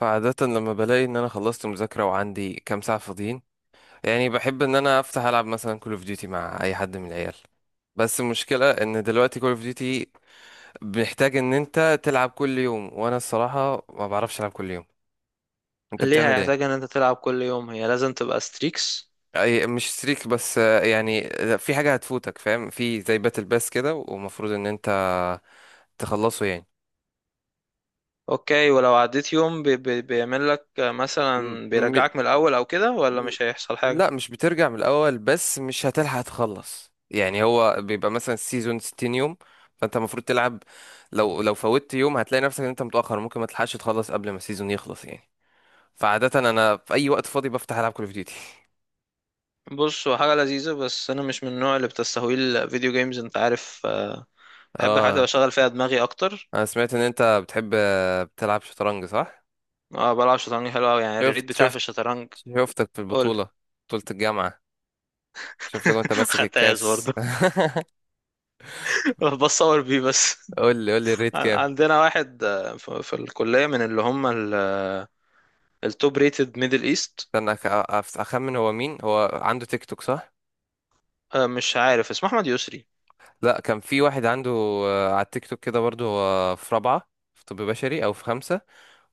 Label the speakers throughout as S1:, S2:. S1: فعادة لما بلاقي ان انا خلصت مذاكرة وعندي كام ساعة فاضيين، يعني بحب ان انا افتح العب مثلا كول اوف ديوتي مع اي حد من العيال. بس المشكلة ان دلوقتي كول اوف ديوتي محتاج ان انت تلعب كل يوم، وانا الصراحة ما بعرفش العب كل يوم. انت
S2: ليه
S1: بتعمل ايه؟
S2: هيحتاج ان انت تلعب كل يوم؟ هي لازم تبقى ستريكس؟
S1: اي مش ستريك بس يعني في حاجة هتفوتك فاهم، في زي باتل باس كده ومفروض ان انت تخلصه يعني.
S2: اوكي، ولو عديت يوم بي بيعمل لك
S1: م-
S2: مثلا
S1: م-
S2: بيرجعك من الاول او كده، ولا مش هيحصل حاجة؟
S1: لا مش بترجع من الاول، بس مش هتلحق تخلص يعني. هو بيبقى مثلا السيزون 60 يوم، فانت المفروض تلعب. لو فوتت يوم هتلاقي نفسك ان انت متاخر، ممكن ما تلحقش تخلص قبل ما السيزون يخلص يعني. فعاده انا في اي وقت فاضي بفتح العب كول اوف ديوتي.
S2: بص، هو حاجة لذيذة، بس انا مش من النوع اللي بتستهوي الفيديو جيمز، انت عارف. بحب الحاجات
S1: اه،
S2: اللي بشغل فيها دماغي اكتر.
S1: انا سمعت ان انت بتحب بتلعب شطرنج صح؟
S2: اه، بلعب شطرنج. حلو قوي يعني الريت
S1: شفت
S2: بتاعي في
S1: شفت
S2: الشطرنج.
S1: شفتك في
S2: قول.
S1: البطوله، بطوله الجامعه. شفتك وانت ماسك
S2: خدتهاش
S1: الكاس
S2: برضه. بصور بيه بس.
S1: قول لي الريت كام؟
S2: عندنا واحد، في الكلية، من اللي هم التوب ريتد ميدل ايست.
S1: استنى، اخمن هو مين. هو عنده تيك توك صح؟
S2: مش عارف اسمه. احمد يسري.
S1: لا، كان في واحد عنده على التيك توك كده برضه. هو في رابعة في طب بشري أو في خمسة،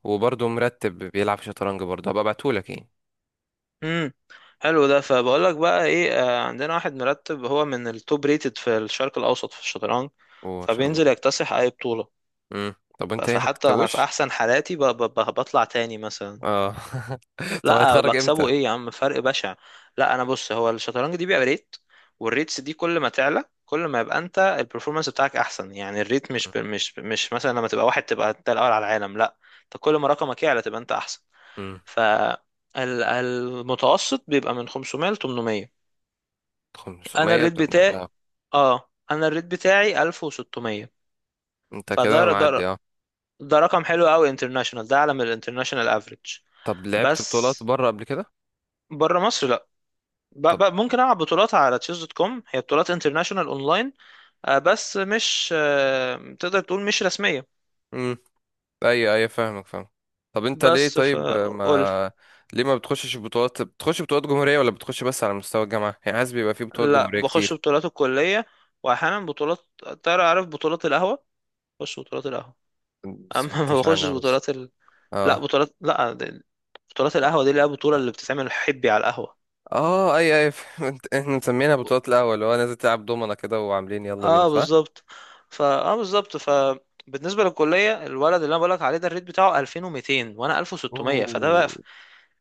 S1: وبرضه مرتب بيلعب شطرنج برضه، هبقى ابعتهولك يعني.
S2: امم. حلو ده. فبقول لك بقى ايه، عندنا واحد مرتب، هو من التوب ريتد في الشرق الاوسط في الشطرنج،
S1: وإن شاء الله.
S2: فبينزل يكتسح اي بطولة.
S1: مم. طب أنت إيه ما
S2: فحتى انا في
S1: بتكتبوش؟
S2: احسن حالاتي بطلع تاني مثلا.
S1: اه. طب
S2: لا
S1: هيتخرج
S2: بكسبه
S1: إمتى؟
S2: ايه يا عم، فرق بشع. لا انا بص، هو الشطرنج دي بيبقى ريت، والريتس دي كل ما تعلى كل ما يبقى انت البرفورمانس بتاعك احسن. يعني الريت مش مثلا لما تبقى واحد تبقى انت الاول على العالم، لا. انت كل ما رقمك يعلى تبقى انت احسن.
S1: امم.
S2: ف المتوسط بيبقى من 500 ل 800. انا
S1: 500؟
S2: الريت بتاعي،
S1: اه،
S2: اه، انا الريت بتاعي 1600.
S1: أنت كده
S2: فده
S1: معدي
S2: ده,
S1: اه.
S2: ده رقم حلو قوي. انترناشونال. ده اعلى من الانترناشونال افريج.
S1: طب لعبت بطولات
S2: بس
S1: بره قبل كده؟
S2: بره مصر لا.
S1: طب.
S2: ممكن العب بطولات على تشيز دوت كوم، هي بطولات انترناشونال اونلاين، بس مش، تقدر تقول مش رسميه.
S1: امم. أيوه أيوه، فاهمك فاهم. طب أنت ليه
S2: بس
S1: طيب،
S2: فقول.
S1: ما ليه ما بتخشش بطولات؟ بتخش بطولات جمهورية ولا بتخش بس على مستوى الجامعة؟ يعني عايز بيبقى في بطولات
S2: لا،
S1: جمهورية
S2: بخش
S1: كتير.
S2: بطولات الكليه، واحيانا بطولات، تعرف بطولات القهوه، بخش بطولات القهوه.
S1: بس
S2: اما ما
S1: سمعتش
S2: بخشش
S1: عنها بس.
S2: بطولات، لا،
S1: اه.
S2: بطولات، لا بطولات القهوة دي اللي هي البطولة اللي بتتعمل حبي على القهوة.
S1: اه اي اي فهمت. احنا مسمينها بطولات القهوة، اللي هو نازل تلعب دومنا كده وعاملين يلا بينا
S2: اه
S1: صح؟
S2: بالظبط. فا بالظبط. فبالنسبة للكلية، الولد اللي انا بقولك عليه ده الريت بتاعه 2200 وانا 1600، فده بقى.
S1: اوه.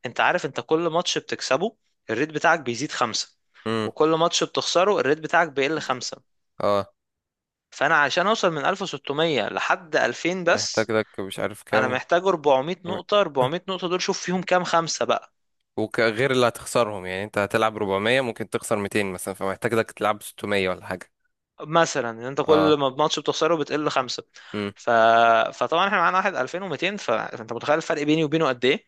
S2: انت عارف، انت كل ماتش بتكسبه الريت بتاعك بيزيد خمسة،
S1: امم.
S2: وكل ماتش بتخسره الريت بتاعك بيقل خمسة.
S1: اه،
S2: فانا عشان اوصل من 1600 لحد 2000
S1: محتاج
S2: بس،
S1: لك مش عارف
S2: انا
S1: كام.
S2: محتاج 400 نقطة. 400 نقطة دول شوف فيهم كام خمسة بقى.
S1: وغير اللي هتخسرهم يعني، انت هتلعب 400 ممكن تخسر 200 مثلا، فمحتاج لك تلعب 600 ولا حاجة.
S2: مثلا، ان انت
S1: اه.
S2: كل ما الماتش بتخسره بتقل خمسه.
S1: امم.
S2: ف... فطبعا احنا معانا واحد 2200، فانت متخيل الفرق بيني وبينه قد ايه.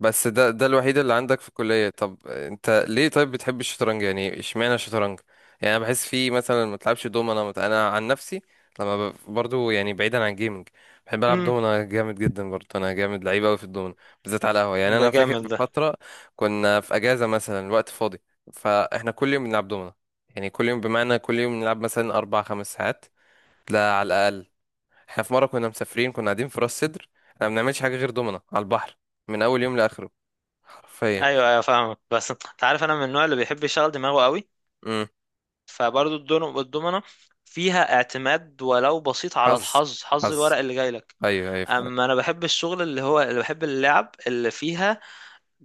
S1: بس ده الوحيد اللي عندك في الكلية؟ طب انت ليه طيب بتحب الشطرنج يعني، اشمعنى الشطرنج؟ يعني انا بحس فيه مثلا، ما تلعبش دومنا مت... انا عن نفسي لما برضو، يعني بعيدا عن الجيمنج، بحب العب
S2: امم.
S1: دومنا جامد جدا. برضو انا جامد لعيب قوي في الدومنا، بالذات على القهوة. يعني
S2: ده
S1: انا فاكر
S2: جامد
S1: في
S2: ده.
S1: فترة كنا في اجازة مثلا، وقت فاضي، فاحنا كل يوم بنلعب دومنا، يعني كل يوم بمعنى كل يوم نلعب مثلا 4 5 ساعات. لا، على الاقل. احنا في مرة كنا مسافرين، كنا قاعدين في راس سدر، احنا ما بنعملش حاجة غير دومنا على البحر، من اول يوم لاخره، حرفيا.
S2: ايوه ايوه، فاهمك. بس انت عارف انا من النوع اللي بيحب يشغل دماغه قوي.
S1: امم.
S2: فبرضه الدومنه فيها اعتماد ولو بسيط على
S1: حظ،
S2: الحظ، حظ
S1: حظ.
S2: الورق اللي جاي لك.
S1: ايوه ايوه فعلا.
S2: اما انا بحب الشغل اللي هو، اللي بحب اللعب اللي فيها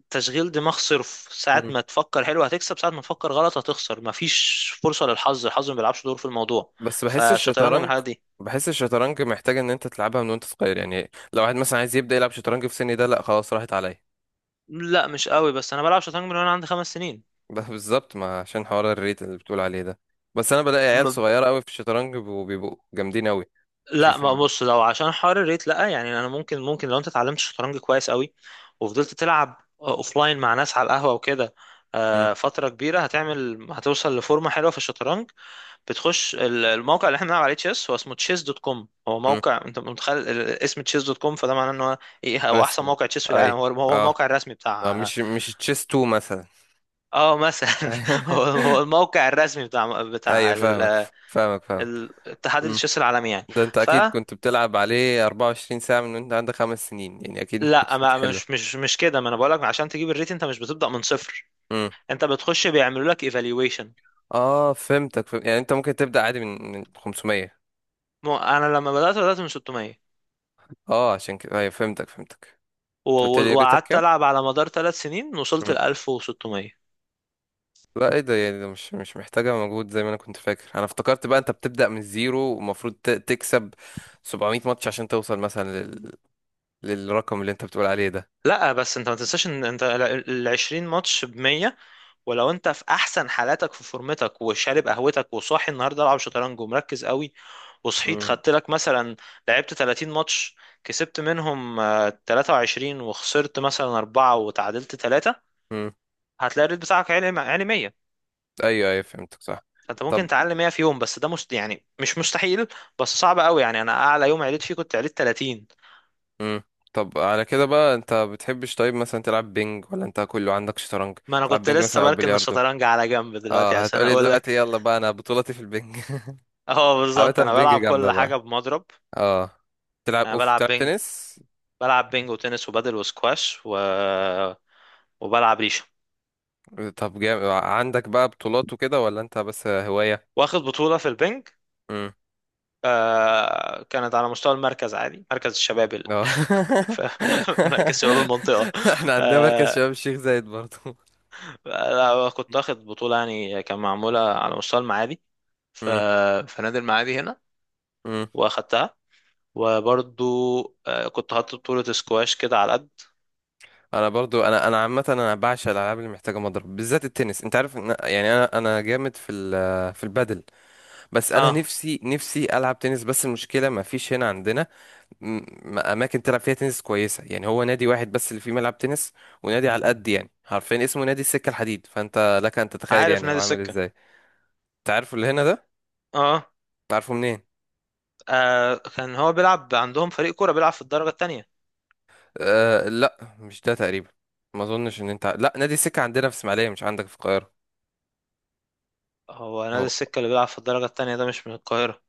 S2: تشغيل دماغ صرف. ساعة
S1: امم.
S2: ما تفكر حلو هتكسب، ساعة ما تفكر غلط هتخسر. مفيش فرصة للحظ، الحظ ما بيلعبش دور في الموضوع.
S1: بس بحس
S2: فالشطرنج من
S1: الشطرنج،
S2: الحاجات دي.
S1: بحس الشطرنج محتاج ان انت تلعبها من وانت صغير يعني. لو واحد مثلا عايز يبدا يلعب شطرنج في سني ده، لا خلاص راحت عليا.
S2: لا مش قوي، بس انا بلعب شطرنج من وانا عندي خمس سنين.
S1: ده بالظبط ما عشان حوار الريت اللي بتقول عليه ده، بس انا بلاقي عيال
S2: ما
S1: صغيره قوي في الشطرنج وبيبقوا جامدين قوي.
S2: لا، ما
S1: تشوفهم.
S2: بص، لو عشان حوار الريت، لا، يعني انا ممكن لو انت اتعلمت شطرنج كويس قوي، وفضلت تلعب اوفلاين مع ناس على القهوة وكده
S1: امم.
S2: فترة كبيرة، هتعمل هتوصل لفورمة حلوة في الشطرنج. بتخش الموقع اللي احنا بنلعب عليه، تشيس، هو اسمه تشيس دوت كوم. هو
S1: امم.
S2: موقع، انت متخيل اسم تشيس دوت كوم، فده معناه ان هو ايه؟ هو احسن
S1: رسمي.
S2: موقع تشيس في
S1: اي.
S2: العالم. هو هو
S1: اه.
S2: الموقع الرسمي
S1: اه
S2: بتاع،
S1: مش مش تشيس 2 مثلا.
S2: اه مثلا، هو هو الموقع الرسمي بتاع
S1: ايوه فاهمك، فاهمك فاهمك.
S2: اتحاد التشيس العالمي يعني.
S1: ده انت
S2: ف
S1: اكيد كنت بتلعب عليه 24 ساعة من وانت عندك 5 سنين، يعني اكيد ما
S2: لا،
S1: كنتش
S2: ما
S1: بتحله.
S2: مش كده، ما انا بقول لك، عشان تجيب الريت انت مش بتبدأ من صفر،
S1: امم.
S2: انت بتخش بيعملوا لك ايفالويشن.
S1: اه فهمتك يعني انت ممكن تبدأ عادي من 500.
S2: انا لما بدأت، بدأت من 600،
S1: اه عشان كده، ايوه فهمتك فهمتك. انت قلت لي ريتك
S2: وقعدت
S1: كام؟
S2: العب على مدار ثلاث سنين، وصلت
S1: مم.
S2: ل 1600.
S1: لا ايه ده، يعني ده مش مش محتاجة مجهود زي ما انا كنت فاكر. انا افتكرت بقى انت بتبدأ من الزيرو ومفروض تكسب 700 ماتش عشان توصل مثلا للرقم اللي انت بتقول عليه ده.
S2: لا بس انت ما تنساش ان انت 20 ماتش ب 100. ولو انت في احسن حالاتك، في فورمتك، وشارب قهوتك، وصاحي النهارده العب شطرنج ومركز قوي، وصحيت
S1: امم.
S2: خدت لك مثلا لعبت 30 ماتش، كسبت منهم 23، وخسرت مثلا 4، وتعادلت 3،
S1: امم.
S2: هتلاقي الريت بتاعك عالي، عالي 100.
S1: ايوه ايوه فهمتك صح.
S2: فانت ممكن
S1: طب.
S2: تعلي 100 في يوم، بس ده يعني مش مستحيل، بس صعب قوي. يعني انا اعلى يوم عليت فيه كنت عليت 30.
S1: امم. طب على كده بقى انت بتحبش طيب مثلا تلعب بينج ولا انت كله عندك شطرنج؟
S2: ما انا
S1: تلعب
S2: كنت
S1: بينج
S2: لسه
S1: مثلا او
S2: بركن
S1: بلياردو.
S2: الشطرنج على جنب دلوقتي
S1: اه
S2: عشان
S1: هتقولي
S2: اقول لك.
S1: دلوقتي يلا بقى انا بطولتي في البينج.
S2: اه
S1: عامة
S2: بالظبط، انا
S1: بينج
S2: بلعب
S1: جامدة
S2: كل
S1: بقى.
S2: حاجه بمضرب.
S1: اه.
S2: انا بلعب
S1: تلعب
S2: بينج،
S1: تنس.
S2: بلعب بينج وتنس وبادل وسكواش وبلعب ريشه.
S1: طب جامد عندك بقى بطولات وكده ولا انت بس هواية؟
S2: واخد بطوله في البينج.
S1: امم.
S2: آه، كانت على مستوى المركز عادي، مركز الشباب
S1: اه.
S2: ف- مركز شباب المنطقه.
S1: احنا عندنا مركز
S2: آه،
S1: شباب الشيخ زايد برضو.
S2: لا، كنت واخد بطوله، يعني كان معموله على مستوى المعادي. ف... في نادي المعادي هنا،
S1: امم.
S2: واخدتها. وبرضو، آه، كنت حاطط بطوله سكواش كده على قد.
S1: انا برضو، انا انا عامه انا بعشق الالعاب اللي محتاجه مضرب، بالذات التنس. انت عارف إن يعني انا انا جامد في البادل، بس انا
S2: اه.
S1: نفسي نفسي العب تنس، بس المشكله ما فيش هنا عندنا م- اماكن تلعب فيها تنس كويسه. يعني هو نادي واحد بس اللي فيه ملعب تنس، ونادي على قد يعني، حرفيا اسمه نادي السكه الحديد، فانت لك ان تتخيل
S2: عارف
S1: يعني هو
S2: نادي
S1: عامل
S2: سكه.
S1: ازاي. انت عارفه اللي هنا ده؟
S2: اه.
S1: عارفه منين؟
S2: آه، كان هو بيلعب عندهم فريق كورة، بيلعب في الدرجة التانية.
S1: أه لا مش ده تقريبا، ما اظنش ان انت لا، نادي السكه عندنا في اسماعيليه مش عندك في القاهره.
S2: هو نادي
S1: هو
S2: السكة اللي بيلعب في الدرجة التانية ده مش من القاهرة؟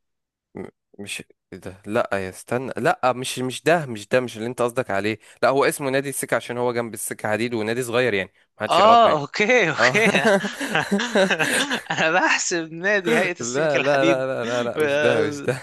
S1: م- مش، إيه ده، لا يا استنى، لا مش مش ده، مش ده مش اللي انت قصدك عليه. لا هو اسمه نادي السكة عشان هو جنب السكة حديد، ونادي صغير يعني، محدش يعرفه يعني.
S2: اه اوكي
S1: اه.
S2: اوكي. انا بحسب نادي هيئة السكك
S1: لا لا لا
S2: الحديد.
S1: لا لا لا، مش ده مش ده.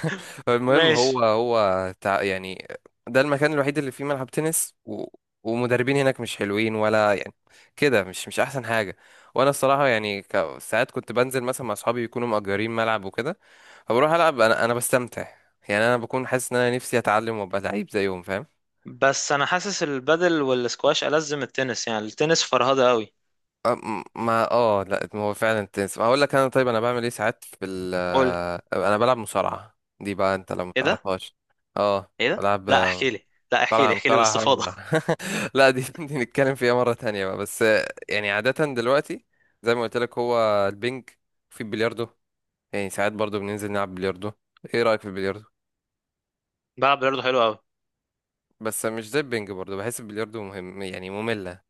S1: المهم هو
S2: ماشي.
S1: يعني ده المكان الوحيد اللي فيه ملعب تنس، و... ومدربين هناك مش حلوين ولا يعني كده، مش مش احسن حاجة. وانا الصراحة يعني، ساعات كنت بنزل مثلا مع اصحابي يكونوا مأجرين ملعب وكده، فبروح العب انا، انا بستمتع يعني، انا بكون حاسس ان انا نفسي اتعلم وابقى لعيب زيهم فاهم.
S2: بس انا حاسس البادل والسكواش ألذ من التنس. يعني التنس فرهدة قوي.
S1: أم- ما اه لا، ما هو فعلا التنس هقول لك انا، طيب انا بعمل ايه ساعات في ال
S2: قول.
S1: آه، انا بلعب مصارعة دي بقى انت لو
S2: ايه ده؟
S1: متعرفهاش. اه
S2: ايه ده؟
S1: بلعب
S2: لا احكي لي، لا احكي لي،
S1: مصارعة،
S2: احكي لي
S1: مصارعة حرة.
S2: باستفاضة.
S1: لا دي دي نتكلم فيها مرة تانية بقى، بس يعني عادة دلوقتي زي ما قلت لك، هو البنج، في البلياردو، يعني ساعات برضو بننزل نلعب بلياردو. ايه رأيك في البلياردو؟
S2: بلعب برضه. حلو قوي.
S1: بس مش زي البنج برضو، بحس البلياردو مهم يعني مملة.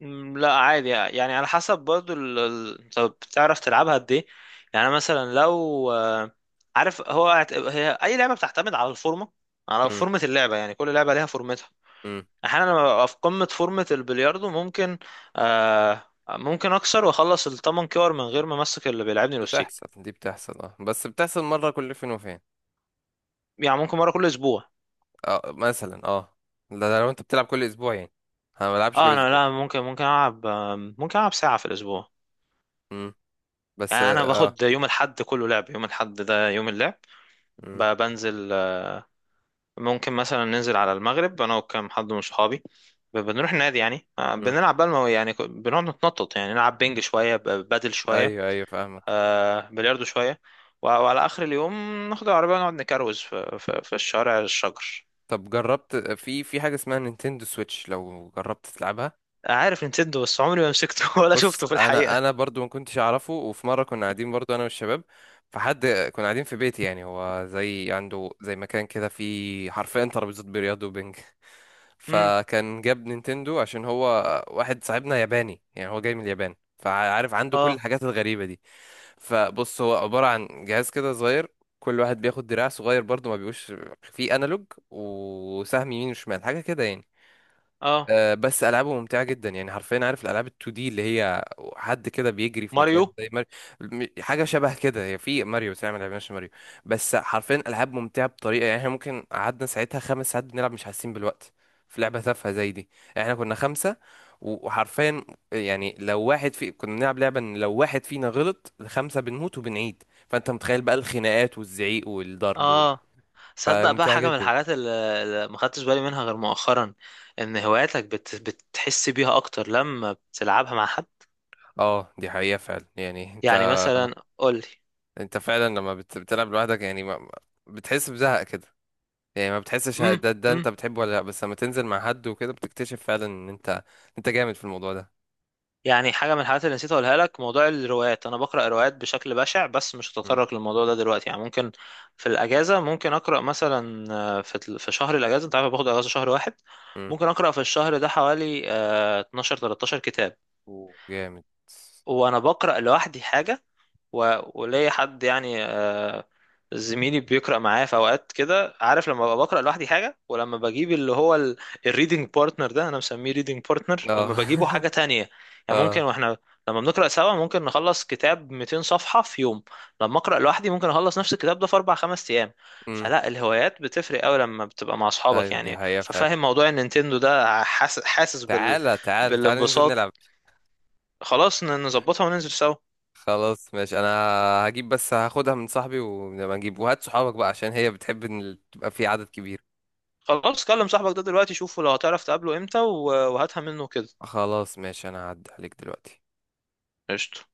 S2: مم، لا عادي يعني، على حسب برضو انت بتعرف تلعبها قد ايه. يعني مثلا لو، عارف، هو هي اي لعبه بتعتمد على الفورمه، على فورمه اللعبه. يعني كل لعبه ليها فورمتها.
S1: مم.
S2: احيانا لما ببقى في قمه فورمه البلياردو ممكن، ممكن اكسر واخلص الثمن كور من غير ما امسك اللي بيلعبني الاوستيك.
S1: بتحصل، دي بتحصل اه، بس بتحصل مرة كل فين وفين.
S2: يعني ممكن مره كل اسبوع.
S1: اه مثلا اه، ده لو انت بتلعب كل اسبوع يعني، انا ما بلعبش كل
S2: اه انا،
S1: اسبوع.
S2: لا، ممكن العب، ممكن العب ساعه في الاسبوع.
S1: امم. بس
S2: يعني انا
S1: اه.
S2: باخد يوم الاحد كله لعب. يوم الاحد ده يوم اللعب.
S1: امم.
S2: بنزل. ممكن مثلا ننزل على المغرب انا وكم حد من صحابي. بنروح النادي، يعني
S1: امم.
S2: بنلعب بقى يعني، بنقعد نتنطط. يعني نلعب بينج شويه، بدل شويه،
S1: ايوه ايوه فاهمك.
S2: بلياردو شويه، وعلى اخر اليوم ناخد العربيه ونقعد نكروز في الشارع الشجر.
S1: طب جربت في حاجة اسمها نينتندو سويتش؟ لو جربت تلعبها.
S2: عارف نتندو، بس عمري ما مسكته، ولا
S1: بص
S2: شفته في
S1: انا،
S2: الحقيقه.
S1: انا برضو ما كنتش اعرفه، وفي مره كنا قاعدين برضو انا والشباب، فحد، كنا قاعدين في بيتي، يعني هو زي عنده زي مكان كده فيه حرفيا ترابيزات بلياردو وبنج.
S2: امم.
S1: فكان جاب نينتندو عشان هو، واحد صاحبنا ياباني يعني، هو جاي من اليابان فعارف عنده كل
S2: اه.
S1: الحاجات الغريبه دي. فبص هو عباره عن جهاز كده صغير، كل واحد بياخد دراع صغير برضو، ما بيبقوش فيه انالوج، وسهم يمين وشمال حاجه كده يعني.
S2: اه.
S1: بس العابه ممتعه جدا يعني، حرفيا عارف الالعاب ال2 دي اللي هي، حد كده بيجري في
S2: ماريو.
S1: مكان زي ماريو. حاجه شبه كده هي، في ماريو بس احنا ما لعبناش ماريو. بس حرفيا العاب ممتعه بطريقه يعني، احنا ممكن قعدنا ساعتها 5 ساعات بنلعب مش حاسين بالوقت، في لعبه تافهه زي دي. احنا كنا خمسه، وحرفيا يعني، لو واحد في كنا بنلعب لعبه ان لو واحد فينا غلط الخمسه بنموت وبنعيد، فانت متخيل بقى الخناقات والزعيق والضرب
S2: اه. صدق بقى،
S1: فممتعه
S2: حاجه من
S1: جدا.
S2: الحاجات اللي، اللي ما خدتش بالي منها غير مؤخرا، ان هواياتك بتحس بيها اكتر لما بتلعبها مع حد.
S1: اه دي حقيقه فعلا، يعني انت،
S2: يعني مثلا قول لي.
S1: انت فعلا لما بتلعب لوحدك يعني بتحس بزهق كده، يعني ما بتحسش ده ده
S2: امم.
S1: انت بتحبه ولا لا، بس لما تنزل مع حد وكده بتكتشف فعلا ان انت، انت جامد في الموضوع ده.
S2: يعني حاجه من الحاجات اللي نسيت اقولها لك، موضوع الروايات. انا بقرا روايات بشكل بشع، بس مش
S1: مم.
S2: هتطرق للموضوع ده دلوقتي، يعني ممكن في الاجازه ممكن اقرا مثلا، في في شهر الاجازه، انت عارف أنا باخد اجازه شهر واحد،
S1: مم.
S2: ممكن اقرا في الشهر ده حوالي 12 13 كتاب.
S1: و، جامد.
S2: وانا بقرا لوحدي حاجه، وليا حد، يعني زميلي بيقرا معايا في اوقات كده، عارف، لما ببقى بقرا لوحدي حاجه ولما بجيب اللي هو الريدنج بارتنر ده، انا مسميه ريدنج بارتنر،
S1: اه.
S2: لما بجيبه حاجه تانية. يعني ممكن
S1: اه.
S2: واحنا لما بنقرا سوا ممكن نخلص كتاب 200 صفحه في يوم، لما اقرا لوحدي ممكن اخلص نفس الكتاب ده في اربع خمس ايام.
S1: امم.
S2: فلا، الهوايات بتفرق قوي لما بتبقى مع اصحابك.
S1: ايوه دي
S2: يعني
S1: حقيقة فعلا،
S2: ففاهم موضوع النينتندو ده، حاسس
S1: تعالى تعالى تعالى ننزل
S2: بالانبساط.
S1: نلعب.
S2: خلاص نظبطها وننزل سوا.
S1: خلاص ماشي، انا هجيب بس، هاخدها من صاحبي ونبقى نجيب، وهات صحابك بقى عشان هي بتحب تبقى في عدد كبير.
S2: خلاص كلم صاحبك ده دلوقتي، شوفه لو هتعرف تقابله امتى، وهاتها منه كده.
S1: خلاص ماشي، انا هعدي عليك دلوقتي.
S2: قشطة.